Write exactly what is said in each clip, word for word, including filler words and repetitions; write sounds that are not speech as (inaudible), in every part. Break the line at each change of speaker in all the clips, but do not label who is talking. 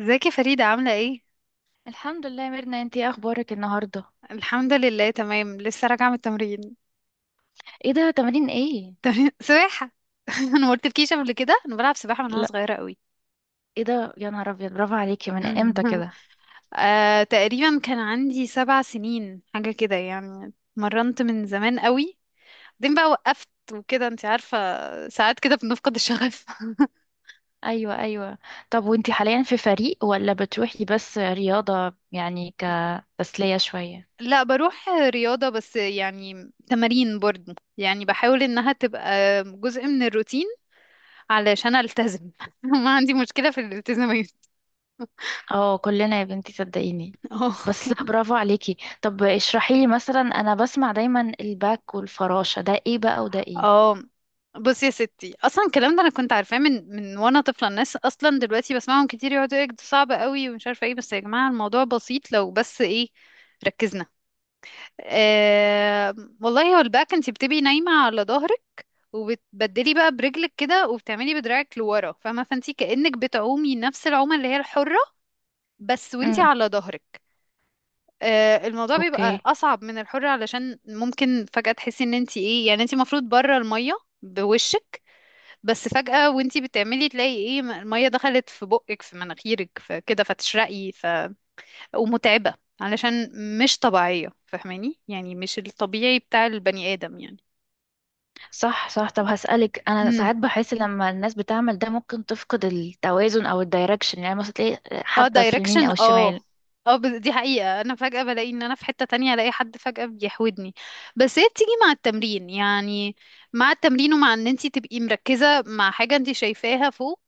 ازيك يا فريدة، عاملة ايه؟
الحمد لله يا ميرنا، انتي ايه اخبارك النهارده؟
الحمد لله، تمام. لسه راجعة من التمرين.
ايه ده، تمارين ايه؟
(laughs) سباحة. (laughs) انا ما قلتلكيش قبل كده، انا بلعب سباحة من وانا
لا.
صغيرة قوي.
ايه ده يا نهار ابيض، برافو عليكي، من امتى
(laughs)
كده؟
آه، تقريبا كان عندي سبع سنين حاجة كده، يعني مرنت من زمان قوي. بعدين بقى وقفت وكده انت عارفة، ساعات كده بنفقد الشغف. (laughs)
ايوه ايوه. طب وانتي حاليا في فريق ولا بتروحي بس رياضه يعني كتسليه شويه؟
لا، بروح رياضة بس، يعني تمارين برضه، يعني بحاول انها تبقى جزء من الروتين علشان التزم. (laughs) ما عندي مشكلة في الالتزامات.
اه كلنا يا بنتي صدقيني.
(laughs) اه،
بس لا، برافو عليكي. طب اشرحي لي مثلا، انا بسمع دايما الباك والفراشه، ده ايه بقى وده ايه؟
اه، بصي يا ستي، اصلا الكلام ده انا كنت عارفاه من من وانا طفله. الناس اصلا دلوقتي بسمعهم كتير يقعدوا يقولوا ده صعب قوي ومش عارفه ايه، بس يا جماعه الموضوع بسيط لو بس ايه، ركزنا. آه. والله هو الباك انت بتبقي نايمه على ظهرك، وبتبدلي بقى برجلك كده، وبتعملي بدراعك لورا، فاهمه؟ فانت كانك بتعومي نفس العومه اللي هي الحره، بس وانت
امم.
على ظهرك. آه، الموضوع بيبقى
اوكي.
اصعب من الحر، علشان ممكن فجأة تحسي ان انت ايه، يعني انت المفروض بره المية بوشك، بس فجأة وانتي بتعملي تلاقي ايه م- المية دخلت في بقك في مناخيرك، فكده فتشرقي ف... ومتعبة، علشان مش طبيعية. فاهماني؟ يعني مش الطبيعي بتاع البني آدم يعني.
صح صح. طب هسألك، أنا
امم.
ساعات بحس لما الناس بتعمل ده ممكن تفقد التوازن أو الدايركشن، يعني مثلا تلاقي
اه،
حد في اليمين
دايركشن،
أو
اه.
الشمال.
اه، بس دي حقيقة، انا فجأة بلاقي ان انا في حتة تانية، الاقي حد فجأة بيحودني، بس هي بتيجي مع التمرين يعني. مع التمرين ومع ان انتي تبقي مركزة مع حاجة انتي شايفاها فوق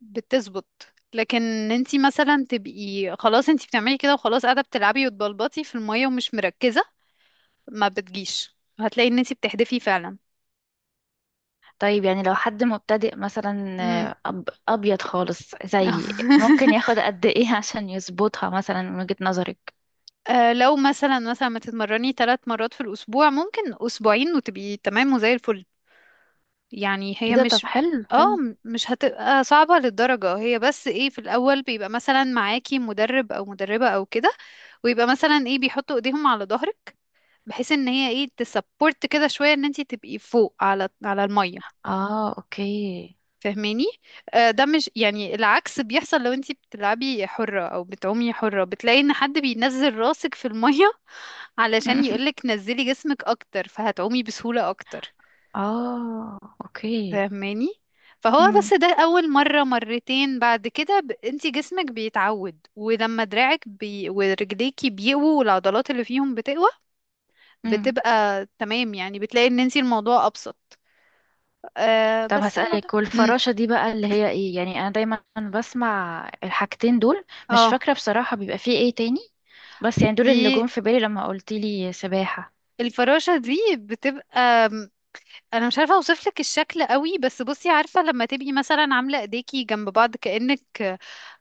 بتظبط. لكن انتي مثلا تبقي خلاص انتي بتعملي كده وخلاص، قاعده بتلعبي وتبلبطي في الميه ومش مركزه، ما بتجيش. هتلاقي ان انتي بتحدفي فعلا.
طيب يعني لو حد مبتدئ مثلا،
امم.
آه، أب أبيض خالص زي، ممكن
(laughs)
ياخد قد إيه (laughs) عشان يظبطها مثلا من وجهة نظرك؟
آه، لو مثلا مثلا ما تتمرني ثلاث مرات في الاسبوع، ممكن اسبوعين وتبقي تمام وزي الفل. يعني
إيه
هي
ده، طب
مش،
حلو
اه
حلو.
م- مش هتبقى صعبة للدرجة. هي بس ايه، في الأول بيبقى مثلا معاكي مدرب أو مدربة أو كده، ويبقى مثلا ايه بيحطوا ايديهم على ظهرك بحيث ان هي ايه تسبورت كده شويه ان انت تبقي فوق على على الميه.
آه أوكي.
فاهماني؟ آه، ده مش يعني العكس بيحصل لو انت بتلعبي حره او بتعومي حره، بتلاقي ان حد بينزل راسك في الميه (laughs) علشان يقولك
(laughs)
نزلي جسمك اكتر فهتعومي بسهوله اكتر.
آه أوكي.
فاهماني؟ فهو
مم.
بس ده اول مره مرتين بعد كده ب... انت جسمك بيتعود، ولما دراعك بي... ورجليكي بيقووا والعضلات اللي فيهم بتقوى
مم.
بتبقى تمام. يعني بتلاقي ان انت الموضوع ابسط. آه
طب
بس الموضوع
هسألك،
امم.
والفراشة دي بقى اللي هي ايه؟ يعني انا دايما بسمع الحاجتين دول، مش
اه.
فاكرة بصراحة بيبقى فيه ايه تاني، بس يعني دول
دي
اللي جم في بالي لما قلتيلي سباحة.
الفراشة دي بتبقى م، انا مش عارفة اوصف لك الشكل قوي، بس بصي، عارفة لما تبقي مثلا عاملة ايديكي جنب بعض كأنك،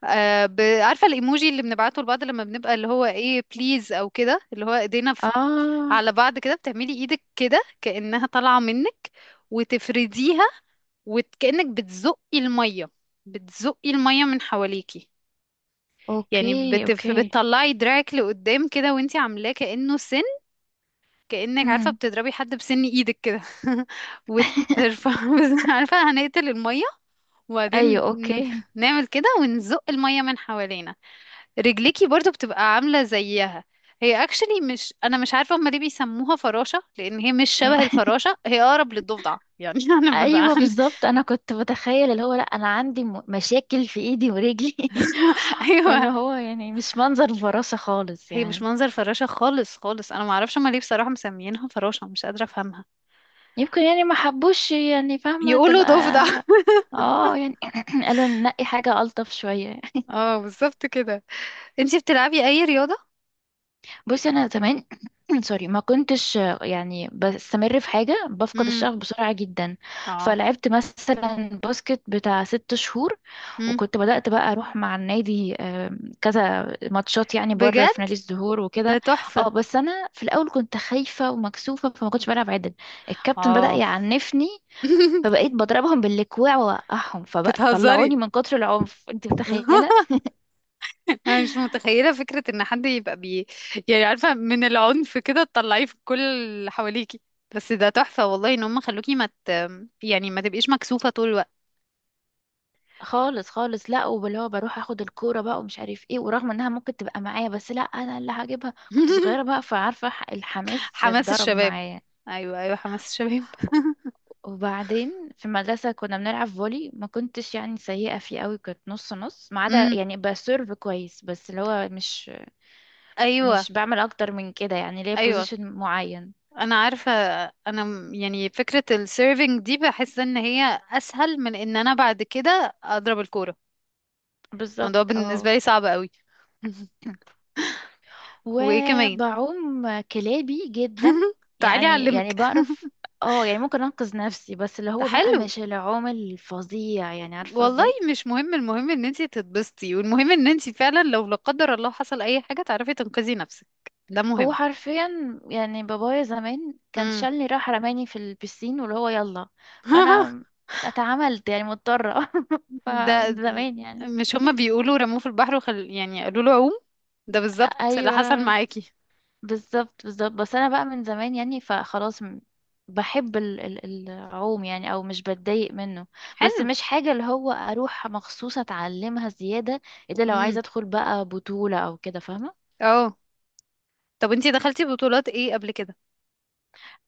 آه ب... عارفة الايموجي اللي بنبعته لبعض لما بنبقى اللي هو ايه بليز او كده اللي هو ايدينا في...
اه.
على بعض كده، بتعملي ايدك كده كأنها طالعة منك وتفرديها، وكأنك بتزقي المية، بتزقي المية من حواليكي. يعني
اوكي
بتف...
اوكي.
بتطلعي دراعك لقدام كده وانتي عاملاه كأنه سن، كأنك عارفة
مم.
بتضربي حد بسن ايدك كده (laughs) وترفع
(laughs)
(laughs) بس- عارفة هنقتل المية، وبعدين
ايوه
ن-
اوكي.
نعمل كده ونزق المية من حوالينا. رجليكي برضو بتبقى عاملة زيها. هي اكشلي، مش انا مش عارفة هما ليه بيسموها فراشة، لان هي مش
مم.
شبه
(laughs)
الفراشة، هي اقرب للضفدع يعني (laughs) انا ببقى
ايوه
عن...
بالظبط، انا كنت بتخيل اللي هو، لا انا عندي م- مشاكل في ايدي ورجلي
(laughs)
(laughs) اللي
ايوه،
هو يعني مش منظر الفراشة خالص
هي مش
يعني.
منظر فراشة خالص خالص، انا معرفش هما ليه بصراحة مسميينها فراشة، مش قادرة افهمها.
يمكن يعني ما حبوش، يعني فاهمة،
يقولوا
تبقى
ضفدع. (laughs)
اه يعني (clears throat) قالوا ننقي حاجة ألطف شوية.
اه، بالظبط كده. انتي بتلعبي اي رياضة؟
بصي أنا زمان (clears throat) سوري، ما كنتش يعني بستمر في حاجة، بفقد
امم.
الشغف بسرعة جدا.
اه.
فلعبت مثلا باسكت بتاع ست شهور،
امم.
وكنت بدأت بقى أروح مع النادي آم، كذا ماتشات يعني بره في
بجد؟
نادي الزهور
ده
وكده. اه
تحفة.
بس أنا في الأول كنت خايفة ومكسوفة، فما كنتش بلعب عدل. الكابتن بدأ
اه.
يعنفني،
(laughs)
فبقيت بضربهم بالكوع واوقعهم، فبقى
بتهزري؟
طلعوني من كتر العنف، انت
(laughs)
متخيله؟
انا مش متخيلة فكرة ان حد يبقى بي، يعني عارفة من العنف كده تطلعيه في كل اللي حواليكي. بس ده تحفة والله ان هم خلوكي ما مت... يعني ما تبقيش مكسوفة طول الوقت.
خالص خالص. لا، وباللي هو بروح اخد الكوره بقى ومش عارف ايه، ورغم انها ممكن تبقى معايا بس لا، انا اللي هجيبها. كنت صغيره بقى،
(laughs)
فعارفه ح- الحماس
حماس
اتضرب
الشباب.
معايا.
ايوه، ايوه، حماس الشباب. (laughs)
وبعدين في المدرسه كنا بنلعب فولي، ما كنتش يعني سيئه فيه قوي، كنت نص نص، ما عدا
امم.
يعني بسيرف كويس، بس اللي هو مش
ايوه،
مش بعمل اكتر من كده، يعني ليا
ايوه.
بوزيشن معين.
انا عارفه، انا م- يعني فكره السيرفينج دي بحس ان هي اسهل من ان انا بعد كده اضرب الكوره. الموضوع
بالظبط
بالنسبه
اه.
لي صعب قوي. (laughs) وايه كمان؟
وبعوم كلابي جدا.
تعالي
يعني
اعلمك.
يعني
(laughs)
بعرف. اه يعني ممكن انقذ نفسي، بس اللي
ده
هو بقى
حلو
مش العوم الفظيع، يعني عارفه
والله.
ازاي.
مش مهم، المهم ان انتي تتبسطي، والمهم ان انتي فعلا لو لا قدر الله حصل اي حاجه تعرفي تنقذي نفسك. ده
هو
مهم.
حرفيا يعني بابايا زمان كان
امم.
شالني، راح رماني في البسين واللي هو يلا.
(laughs)
فانا اتعاملت يعني مضطره (laughs) فمن
ده
زمان يعني.
مش هما بيقولوا رموه في البحر وخل... يعني قالوا له عوم؟ ده بالظبط اللي حصل
ايوه
معاكي.
بالظبط بالظبط. بس انا بقى من زمان يعني، فخلاص م- بحب ال- ال- العوم، يعني او مش بتضايق منه. بس
حلو.
مش حاجة اللي هو اروح مخصوص اتعلمها زيادة، الا لو
امم.
عايزة ادخل بقى بطولة او كده، فاهمة.
اه. طب انتي دخلتي بطولات ايه قبل كده؟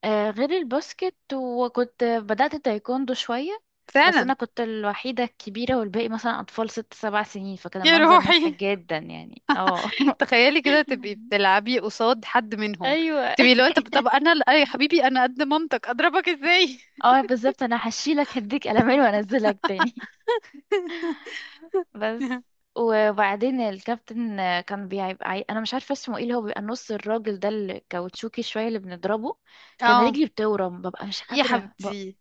آه غير الباسكت، وكنت بدأت التايكوندو شوية. بس
فعلا.
انا كنت الوحيدة الكبيرة، والباقي مثلا اطفال ست سبع سنين، فكان
يا
المنظر مضحك
روحي.
جدا يعني اه
(laughs)
(laughs)
تخيلي كده تبقي بتلعبي قصاد حد منهم.
ايوه
تبقي اللي
(laughs)
هو طب طب انا ال- يا حبيبي انا قد مامتك اضربك ازاي؟
اه بالظبط، انا هشيلك هديك قلمين وانزلك تاني. بس
(laughs)
وبعدين الكابتن كان بيبقى عي... انا مش عارفه اسمه ايه، اللي هو بيبقى نص الراجل ده الكاوتشوكي شويه اللي بنضربه. كان
اه.
رجلي بتورم، ببقى مش
يا
قادره بقى.
حبيبتي،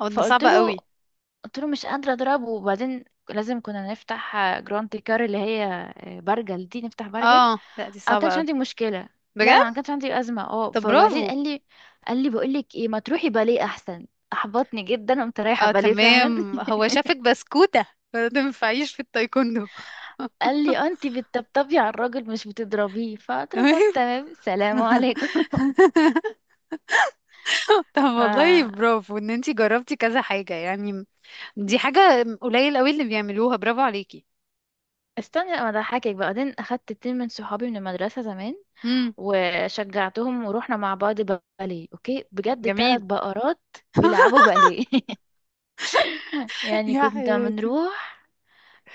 او ده
فقلت
صعبة
له،
قوي.
قلت له مش قادره اضربه. وبعدين لازم كنا نفتح جراند كار، اللي هي آه، برجل دي نفتح، برجل انا
اه، لا دي
ما
صعبة
كانش
قوي.
عندي مشكله. لا انا ما
بجد.
كانش عندي ازمه، اه
طب
فبعدين
برافو.
قال لي، قال لي بقول لك ايه، ما تروحي باليه احسن. احبطني جدا، قمت رايحه
اه،
باليه فعلا.
تمام، هو شافك بسكوتة فما تنفعيش في التايكوندو.
قال لي آه، انت بتطبطبي على الراجل مش بتضربيه.
(laughs)
فقلت له
تمام.
طب تمام، سلام عليكم.
(laughs) طب والله
(laughs) ف
برافو ان انتي جربتي كذا حاجة يعني. دي حاجة قليل قوي اللي بيعملوها، برافو عليكي.
استني لما اضحكك بقى. بعدين اخدت اتنين من صحابي من المدرسه زمان،
امم.
وشجعتهم ورحنا مع بعض باليه. اوكي بجد، ثلاث
جميل.
بقرات
(laughs)
بيلعبوا باليه (laughs) يعني
يا
كنا
حياتي.
بنروح،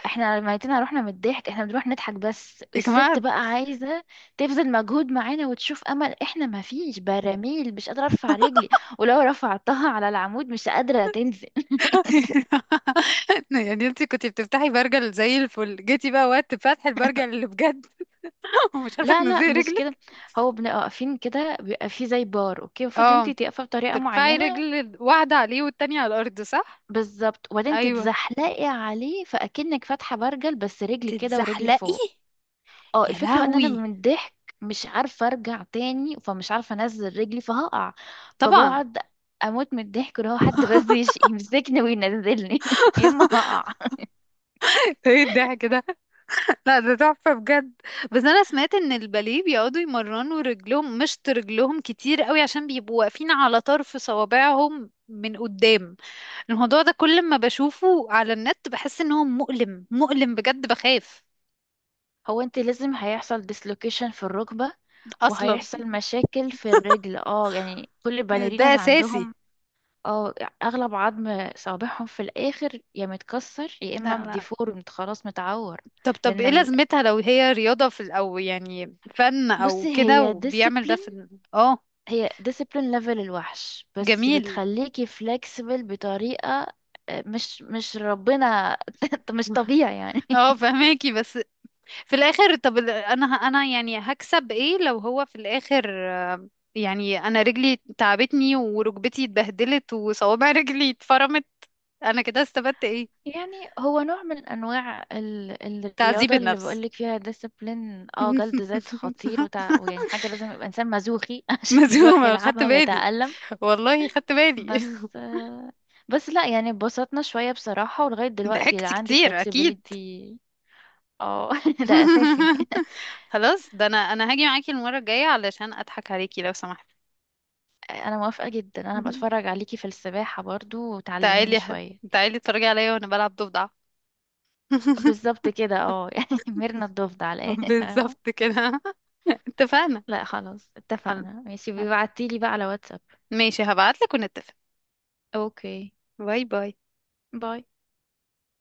احنا ميتنا رحنا من الضحك، احنا بنروح نضحك، بس
يا
الست
جماعة.
بقى عايزه تبذل مجهود معانا وتشوف امل. احنا ما فيش براميل، مش قادره ارفع رجلي، ولو رفعتها على العمود مش قادره تنزل.
(laughs) يعني انتي كنتي بتفتحي برجل زي الفل، جيتي بقى وقت فتح البرجل اللي بجد (laughs) ومش عارفة
لا لا
تنزلي
مش كده.
رجلك.
هو بنبقى واقفين كده، بيبقى فيه زي بار اوكي، المفروض انت
اه.
تقفي بطريقه
ترفعي
معينه.
رجل واحدة عليه والتانية على الأرض، صح؟
بالظبط، وبعدين
أيوة.
تتزحلقي عليه فاكنك فاتحه برجل، بس رجلي كده ورجلي
تتزحلقي.
فوق. اه
يا
الفكره بقى ان انا
لهوي.
من الضحك مش عارفه ارجع تاني، فمش عارفه انزل رجلي، فهقع.
طبعا.
فبقعد اموت من الضحك، اللي هو حد بس
(laughs)
يش- يمسكني وينزلني (laughs) يا اما هقع.
ايه الضحك ده؟ لا ده تحفة بجد. بس انا سمعت ان الباليه بيقعدوا يمرنوا رجلهم مشط رجلهم كتير قوي، عشان بيبقوا واقفين على طرف صوابعهم من قدام. الموضوع ده كل ما بشوفه على النت بحس ان هو مؤلم، مؤلم بجد، بخاف.
هو انت لازم هيحصل ديسلوكيشن في الركبه،
اصلا.
وهيحصل مشاكل في الرجل، اه يعني كل
ده
الباليريناز
اساسي.
عندهم اه اغلب عظم صابعهم في الاخر يا متكسر يا
لا،
اما
لا.
ديفورمد خلاص متعور.
طب طب
لان
ايه
ال...
لازمتها لو هي رياضة في او يعني فن او
بصي،
كده
هي
وبيعمل ده
ديسيبلين
في؟ اه.
هي ديسيبلين ليفل الوحش، بس
جميل.
بتخليكي فلكسبل بطريقة آه، مش مش ربنا (laughs) مش
(laughs)
طبيعي يعني.
اه، فهماكي. بس في الاخر طب ال- انا انا يعني هكسب ايه لو هو في الاخر، يعني انا رجلي تعبتني وركبتي اتبهدلت وصوابع (laughs) رجلي اتفرمت، انا كده استفدت ايه؟
يعني هو نوع من انواع ال...
تعذيب
الرياضة اللي
النفس.
بقولك فيها ديسيبلين، اه جلد ذات خطير وتع... ويعني
(laughs)
حاجة لازم يبقى انسان مزوخي (laughs) عشان يروح
مزومة، خدت
يلعبها
بالي.
ويتألم.
والله خدت بالي.
بس آه، بس لا، يعني اتبسطنا شوية بصراحة، ولغاية
(laughs)
دلوقتي
ضحكت
عندي
كتير اكيد.
flexibility. اه (laughs) ده أساسي
(laughs)
(laughs)
خلاص، ده انا انا هاجي معاكي المرة الجاية علشان اضحك عليكي لو سمحتي.
أنا موافقة جدا، أنا
(laughs)
بتفرج عليكي في السباحة برضو
تعالي
وتعلميني
يا حب-
شوية.
تعالي اتفرجي عليا وانا بلعب ضفدع. (laughs)
بالظبط كده اه (laughs) يعني ميرنا الضفدع على الآخر.
بالظبط كده. (laughs) اتفقنا.
(laughs) لا خلاص
خل-
اتفقنا، ماشي بيبعتيلي بقى على واتساب.
ماشي، هبعتلك ونتفق.
اوكي،
باي باي.
باي.